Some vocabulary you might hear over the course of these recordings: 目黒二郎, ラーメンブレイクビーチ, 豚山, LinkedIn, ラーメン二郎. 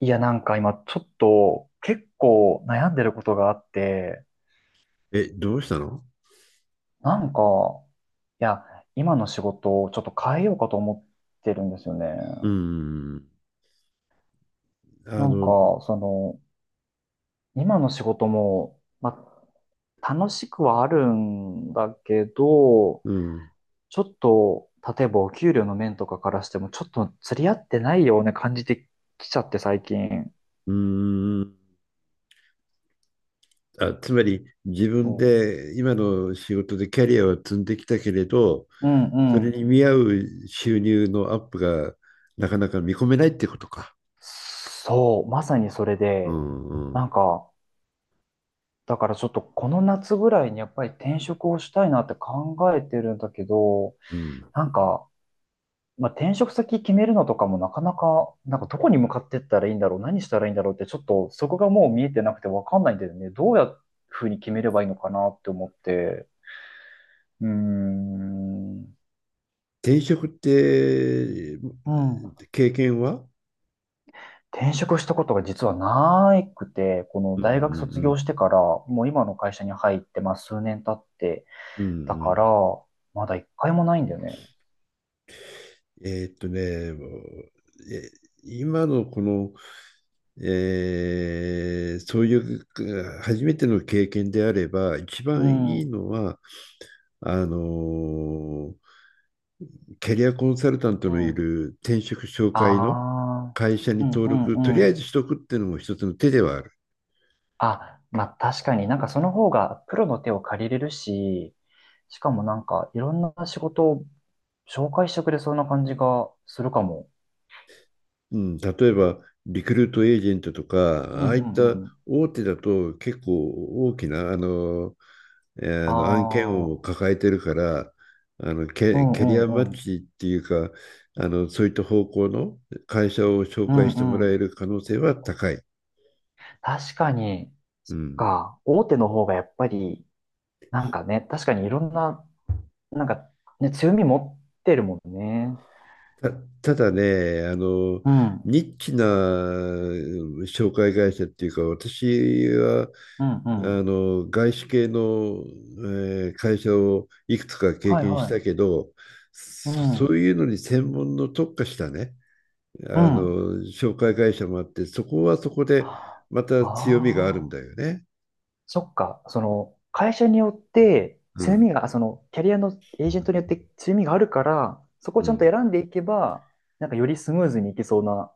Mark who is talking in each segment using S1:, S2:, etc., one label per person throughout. S1: いや、今ちょっと結構悩んでることがあって、
S2: え、どうしたの？
S1: なんか、いや、今の仕事をちょっと変えようかと思ってるんですよね。
S2: うーん。あ
S1: なんか、
S2: の、
S1: その、今の仕事も、まあ、楽しくはあるんだけど、
S2: うん。
S1: ちょっと、例えばお給料の面とかからしても、ちょっと釣り合ってないような感じてきちゃって最近。
S2: うーん。あ、つまり自
S1: う
S2: 分
S1: ん
S2: で今の仕事でキャリアを積んできたけれど、
S1: うんう
S2: それ
S1: ん。
S2: に見合う収入のアップがなかなか見込めないってことか。
S1: そう、まさにそれ
S2: う
S1: で、
S2: んう
S1: な
S2: ん。
S1: んか、だからちょっとこの夏ぐらいにやっぱり転職をしたいなって考えてるんだけど、
S2: うん。
S1: なんか、まあ、転職先決めるのとかもなかなか、どこに向かってったらいいんだろう、何したらいいんだろうってちょっとそこがもう見えてなくてわかんないんだよね。どうやっふうに決めればいいのかなって思って。うーん。
S2: 転職って、
S1: うん。
S2: 経験は？
S1: 転職したことが実はなくて、この
S2: うんうんう
S1: 大学卒
S2: ん。
S1: 業してから、もう今の会社に入って、まあ数年経って、
S2: うんう
S1: だから、
S2: ん。
S1: まだ一回もないんだよね。
S2: もうえ今のこのそういう初めての経験であれば、一
S1: う
S2: 番いい
S1: ん。
S2: のは、あのーキャリアコンサルタント
S1: う
S2: のい
S1: ん。
S2: る転職紹
S1: あ
S2: 介の
S1: あ、
S2: 会社に
S1: うん
S2: 登
S1: うん
S2: 録、とり
S1: う
S2: あえ
S1: ん。
S2: ずしとくっていうのも一つの手ではある。
S1: あ、まあ確かにその方がプロの手を借りれるし、しかもいろんな仕事を紹介してくれそうな感じがするかも。
S2: うん、例えば、リクルートエージェントと
S1: うん
S2: か、
S1: う
S2: ああいった
S1: んうん。
S2: 大手だと結構大きな、あ
S1: あ
S2: の案件を
S1: あ、
S2: 抱えてるから、
S1: うん
S2: キ
S1: う
S2: ャリアマッ
S1: んうん。
S2: チっていうか、そういった方向の会社を紹
S1: う
S2: 介
S1: ん
S2: しても
S1: う
S2: らえ
S1: ん。
S2: る可能性は高い。
S1: 確かに、
S2: うん。
S1: 大手の方がやっぱり、確かにいろんな、なんかね、強み持ってるもんね。
S2: た、ただね、
S1: うん、
S2: ニッチな紹介会社っていうか、私は
S1: うんう
S2: あ
S1: ん。
S2: の外資系の、会社をいくつか経
S1: はい
S2: 験し
S1: は
S2: たけ
S1: い。
S2: ど、
S1: う
S2: そう
S1: ん、
S2: いうのに専門の特化したね、
S1: う
S2: あ
S1: ん。
S2: の紹介会社もあって、そこはそこで
S1: あ
S2: また
S1: あ
S2: 強みがあ
S1: ー、
S2: るんだよね。
S1: そっか。その、会社によって、
S2: う
S1: 強
S2: ん、
S1: みが、その、キャリアのエージェントによって強みがあるから、そこ
S2: う
S1: をちゃんと
S2: ん、
S1: 選んでいけば、よりスムーズにいけそうな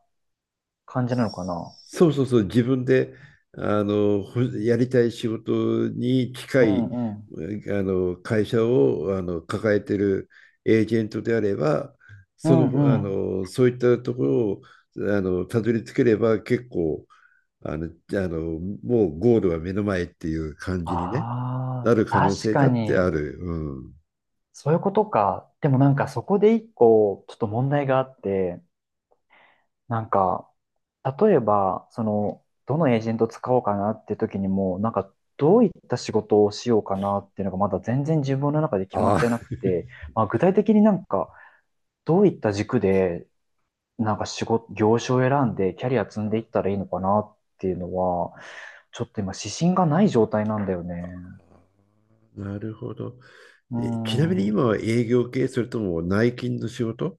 S1: 感じなのかな。
S2: そうそうそう、自分であのほやりたい仕事に近
S1: うん
S2: い
S1: うん。
S2: あの会社を抱えてるエージェントであれば、
S1: う
S2: その、
S1: んうん。
S2: そういったところをたどり着ければ結構あのあのもうゴールは目の前っていう感じにね、
S1: あ
S2: なる可
S1: あ、
S2: 能
S1: 確
S2: 性だ
S1: か
S2: ってあ
S1: に。
S2: る。うん、
S1: そういうことか。でもそこで一個、ちょっと問題があって、なんか、例えば、その、どのエージェント使おうかなって時にも、どういった仕事をしようかなっていうのがまだ全然自分の中で決まってな
S2: あ
S1: くて、まあ、具体的にどういった軸で、仕事、業種を選んでキャリア積んでいったらいいのかなっていうのは、ちょっと今指針がない状態なんだよね。
S2: あ、なるほど。
S1: う
S2: ちなみに
S1: ん。
S2: 今は営業系、それとも内勤の仕事？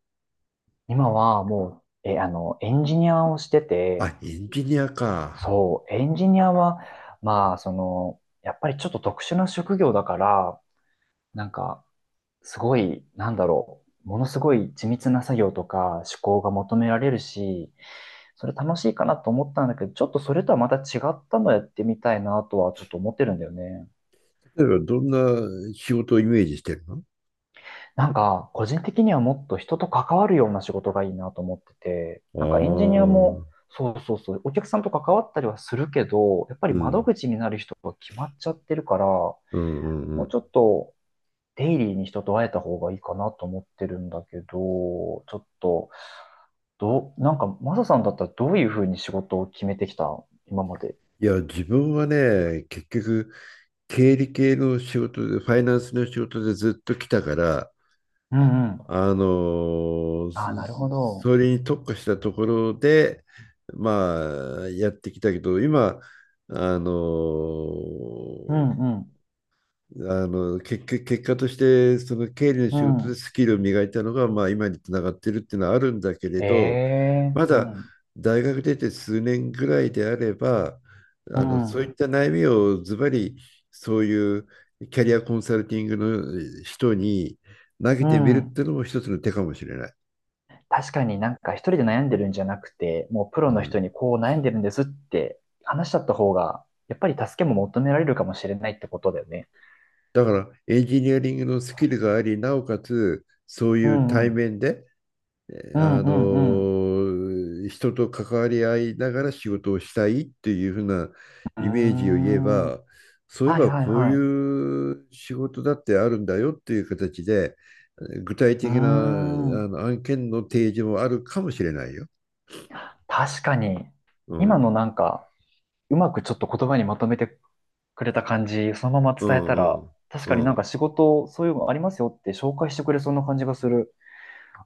S1: 今はもう、え、あの、エンジニアをしてて、
S2: あ、エンジニアか。
S1: そう、エンジニアは、まあ、その、やっぱりちょっと特殊な職業だから、なんか、すごい、なんだろう、ものすごい緻密な作業とか思考が求められるし、それ楽しいかなと思ったんだけど、ちょっとそれとはまた違ったのやってみたいなとはちょっと思ってるんだよね。
S2: 例えば、どんな仕事をイメージしてるの？
S1: 個人的にはもっと人と関わるような仕事がいいなと思ってて、エンジ
S2: あ
S1: ニアも、
S2: あ、
S1: そうそうそう、お客さんと関わったりはするけど、やっぱ
S2: う
S1: り
S2: ん、う
S1: 窓
S2: ん、
S1: 口になる人が決まっちゃってるから、も
S2: うん、う
S1: う
S2: ん。
S1: ちょっとデイリーに人と会えた方がいいかなと思ってるんだけど、ちょっと、どう、マサさんだったらどういうふうに仕事を決めてきた今まで？
S2: いや、自分はね、結局、経理系の仕事で、ファイナンスの仕事でずっと来たから、
S1: うんうん。ああ、なるほど。
S2: それに特化したところで、まあ、やってきたけど、今、あの
S1: う
S2: ー
S1: んうん。
S2: 結局結果としてその経理の
S1: う
S2: 仕事で
S1: ん。
S2: スキルを磨いたのが、まあ、今につながってるっていうのはあるんだけれ
S1: え
S2: ど、
S1: え、
S2: ま
S1: う
S2: だ
S1: ん。
S2: 大学出て数年ぐらいであれば、
S1: う
S2: そう
S1: ん。
S2: いった悩みをズバリそういうキャリアコンサルティングの人に投げ
S1: う
S2: てみるっ
S1: ん。
S2: ていうのも一つの手かもしれない。
S1: 確かに一人で悩んでるんじゃなくて、もうプ
S2: う
S1: ロの人
S2: ん、
S1: にこう悩んでるんですって話しちゃった方が、やっぱり助けも求められるかもしれないってことだよね。
S2: だからエンジニアリングのスキルがありなおかつそう
S1: う
S2: いう
S1: んう
S2: 対
S1: ん。
S2: 面で
S1: うんうん
S2: 人と関わり合いながら仕事をしたいっていうふうな
S1: う
S2: イメージを言え
S1: ん。うーん。
S2: ば、そういえ
S1: はい
S2: ば
S1: はい
S2: こうい
S1: はい。
S2: う仕事だってあるんだよっていう形で具体
S1: うー
S2: 的な
S1: ん。
S2: 案件の提示もあるかもしれないよ。
S1: 確かに。
S2: う
S1: 今
S2: ん、
S1: のうまくちょっと言葉にまとめてくれた感じ、そのまま
S2: う
S1: 伝え
S2: ん
S1: た
S2: う
S1: ら、
S2: ん
S1: 確
S2: う
S1: かに
S2: ん、
S1: 仕事、そういうのありますよって紹介してくれそうな感じがする。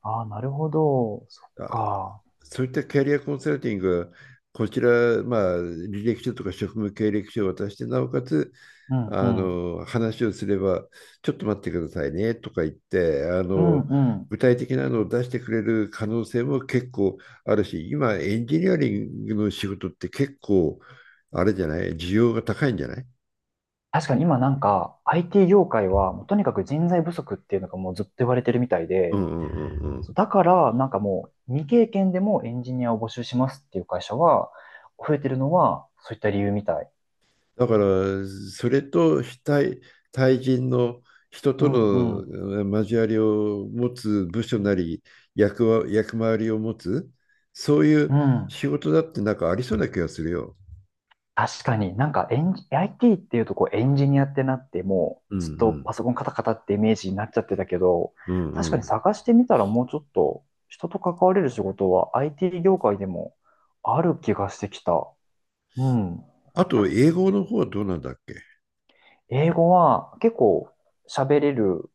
S1: ああ、なるほど。そっ
S2: あ、
S1: か。
S2: そういったキャリアコンサルティングはこちら、まあ、履歴書とか職務経歴書を渡して、なおかつ
S1: うんう
S2: あ
S1: ん。
S2: の話をすれば、ちょっと待ってくださいねとか言って、
S1: うんうん。
S2: 具体的なのを出してくれる可能性も結構あるし、今、エンジニアリングの仕事って結構、あれじゃない、需要が高いんじゃない？
S1: 確かに今IT 業界はもうとにかく人材不足っていうのがもうずっと言われてるみたい
S2: う
S1: で、
S2: んうんうんうん。
S1: そうだからもう未経験でもエンジニアを募集しますっていう会社は増えてるのはそういった理由みたい。
S2: だから、それと非対、対人の人
S1: う
S2: と
S1: んうん。
S2: の交わりを持つ部署なり、役回りを持つ、そうい
S1: う
S2: う
S1: ん。
S2: 仕事だってなんかありそうな気がするよ。
S1: 確かになんかエンジ、IT っていうとこうエンジニアってなってもう
S2: うんう
S1: ずっと
S2: ん。
S1: パソコンカタカタってイメージになっちゃってたけど、
S2: うん
S1: 確
S2: う
S1: かに
S2: ん。
S1: 探してみたらもうちょっと人と関われる仕事は IT 業界でもある気がしてきた。うん。
S2: あと、英語の方はどうなんだっけ？
S1: 英語は結構喋れる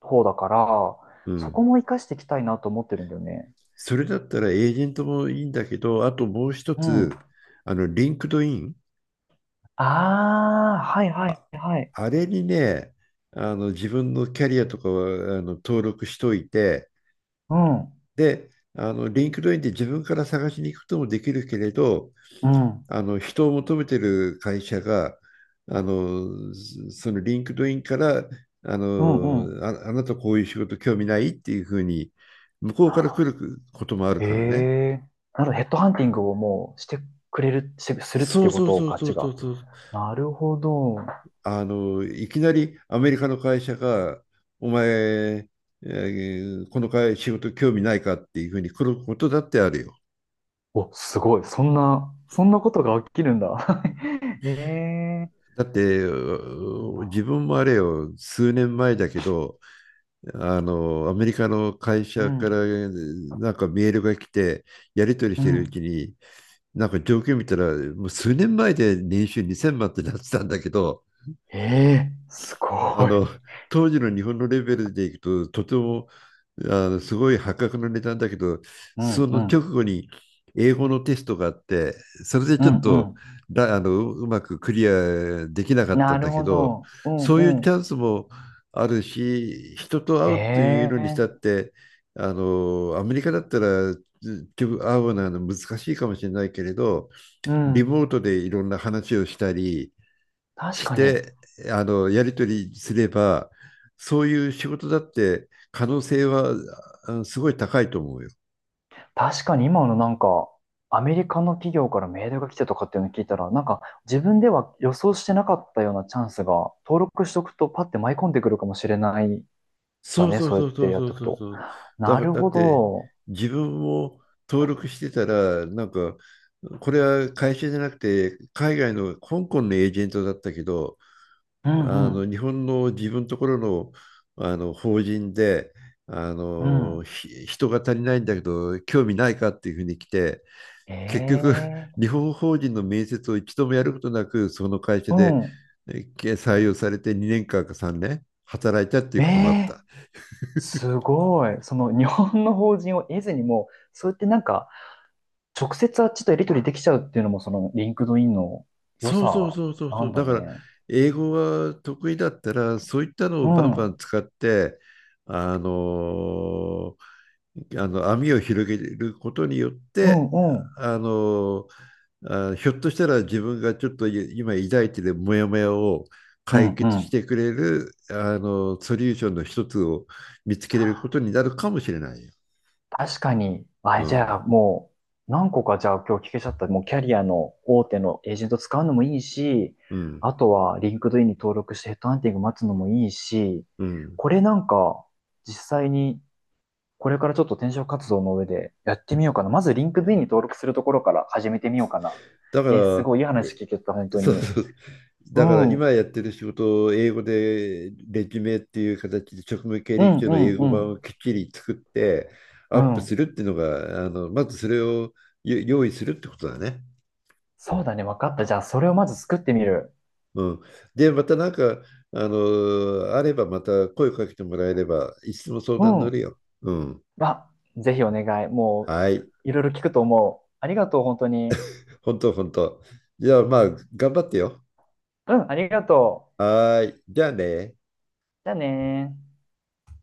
S1: 方だから、
S2: う
S1: そこ
S2: ん。
S1: も活かしていきたいなと思ってるんだよね。
S2: それだったらエージェントもいいんだけど、あともう一
S1: うん。
S2: つ、
S1: あ
S2: リンクドイン。
S1: あ、はいはい
S2: あ、
S1: はい。
S2: あれにね、自分のキャリアとかは、登録しといて、
S1: うん。
S2: リンクドインで自分から探しに行くこともできるけれど、
S1: うん。
S2: 人を求めてる会社が、あのそのリンクドインから
S1: うんうん。
S2: あなたこういう仕事興味ないっていうふうに、向こうから来ることもある
S1: え
S2: からね。
S1: えなるほど、ヘッドハンティングをもうしてくれる、してするっ
S2: そ
S1: て
S2: う
S1: いうこ
S2: そう
S1: とを
S2: そう
S1: ガ
S2: そ
S1: チ
S2: う
S1: が違
S2: そ
S1: う。
S2: うそう。
S1: なるほど。
S2: いきなりアメリカの会社が、お前、この会仕事興味ないかっていうふうに来ることだってあるよ。
S1: お、すごい。そんな、そんなことが起きるんだ。ええ
S2: だって、
S1: そうなん
S2: 自
S1: だ。
S2: 分もあれよ、数年前だけど、アメリカの会
S1: う
S2: 社から
S1: ん、
S2: なんかメールが来て、やり取り
S1: う
S2: してるう
S1: ん。
S2: ちに、なんか状況見たら、もう数年前で年収2000万ってなってたんだけど、
S1: ええす
S2: あ
S1: ごい。
S2: の、当時の日本のレベルでいくと、とてもすごい破格の値段だけど、
S1: う
S2: そ
S1: ん、
S2: の
S1: う
S2: 直
S1: ん、
S2: 後に英語のテストがあって、それで
S1: うん、
S2: ちょっ
S1: う
S2: と
S1: ん。
S2: だあのううまくクリアできなかった
S1: な
S2: ん
S1: る
S2: だけ
S1: ほ
S2: ど、
S1: ど。うん、
S2: そう
S1: う
S2: いうチャ
S1: ん。
S2: ンスもあるし、人と会うというのにしたっ
S1: ええ
S2: て、アメリカだったらず会うのは難しいかもしれないけれど、
S1: う
S2: リ
S1: ん。
S2: モートでいろんな話をしたり、
S1: 確
S2: し
S1: かに。
S2: て、やり取りすれば、そういう仕事だって可能性はすごい高いと思うよ。
S1: 確かに今のアメリカの企業からメールが来てとかっていうのを聞いたら、自分では予想してなかったようなチャンスが、登録しとくとパッて舞い込んでくるかもしれないだ
S2: そう
S1: ね、
S2: そう
S1: そうや
S2: そ
S1: っ
S2: うそ
S1: て
S2: う
S1: やっ
S2: そ
S1: てお
S2: う
S1: く
S2: そう
S1: と。
S2: そう。だ
S1: な
S2: から、
S1: る
S2: だ
S1: ほ
S2: って、
S1: ど。
S2: 自分も登録してたら、なんか、これは会社じゃなくて、海外の香港のエージェントだったけど、
S1: うんうん。
S2: 日本の自分のところの、法人であ
S1: うん。
S2: のひ人が足りないんだけど興味ないかっていうふうに来て結局、
S1: え
S2: 日
S1: え
S2: 本法人の面接を一度もやることなく、その会社
S1: う
S2: で
S1: ん。
S2: 採用されて2年間か3年働いたってい
S1: え
S2: うこともあっ
S1: え
S2: た。
S1: すごい。その日本の法人を得ずにもう、そうやって直接あっちとやり取りできちゃうっていうのも、そのリンクドインの良
S2: そうそう
S1: さ
S2: そうそう
S1: な
S2: そ
S1: ん
S2: う。
S1: だ
S2: だから、
S1: ね。
S2: 英語が得意だったら、そういったの
S1: う
S2: をバンバ
S1: ん。
S2: ン使って、あのーあの網を広げることによっ
S1: う
S2: て、
S1: んうん。
S2: あのあ、ひょっとしたら自分がちょっと今抱いてるモヤモヤを
S1: う
S2: 解
S1: んう
S2: 決し
S1: ん。
S2: てくれる、ソリューションの一つを見つけれることになるかもしれないよ。
S1: 確かに。
S2: う
S1: あ、じゃ
S2: ん、
S1: あもう、何個かじゃあ今日聞けちゃった。もうキャリアの大手のエージェント使うのもいいし、
S2: うん、
S1: あとはリンクドインに登録してヘッドハンティング待つのもいいし、
S2: うん。
S1: これ実際にこれからちょっと転職活動の上でやってみようかな。まずリンクドインに登録するところから始めてみようかな。
S2: だか
S1: えーす
S2: ら、
S1: ごいいい話
S2: え
S1: 聞けた、本当
S2: そう
S1: に。
S2: そう。
S1: う
S2: だから
S1: ん、うん、
S2: 今やってる仕事を英語でレジュメっていう形で職務経
S1: う
S2: 歴
S1: ん、
S2: 書
S1: う
S2: の英語版を
S1: ん。
S2: きっちり作ってア
S1: う
S2: ップす
S1: ん。
S2: るっていうのが、まずそれを用意するってことだね。
S1: そうだね、分かった。じゃあそれをまず作ってみる。
S2: うん。で、またなんか、あればまた声かけてもらえれば、いつでも相
S1: う
S2: 談乗る
S1: ん。
S2: よ。うん。
S1: あ、ぜひお願い。もう、
S2: はい。
S1: いろいろ聞くと思う。ありがとう、本当に。
S2: 本当本当。じゃあまあ、頑張ってよ。
S1: うん、ありがとう。
S2: はーい。じゃあね。
S1: じゃあねー。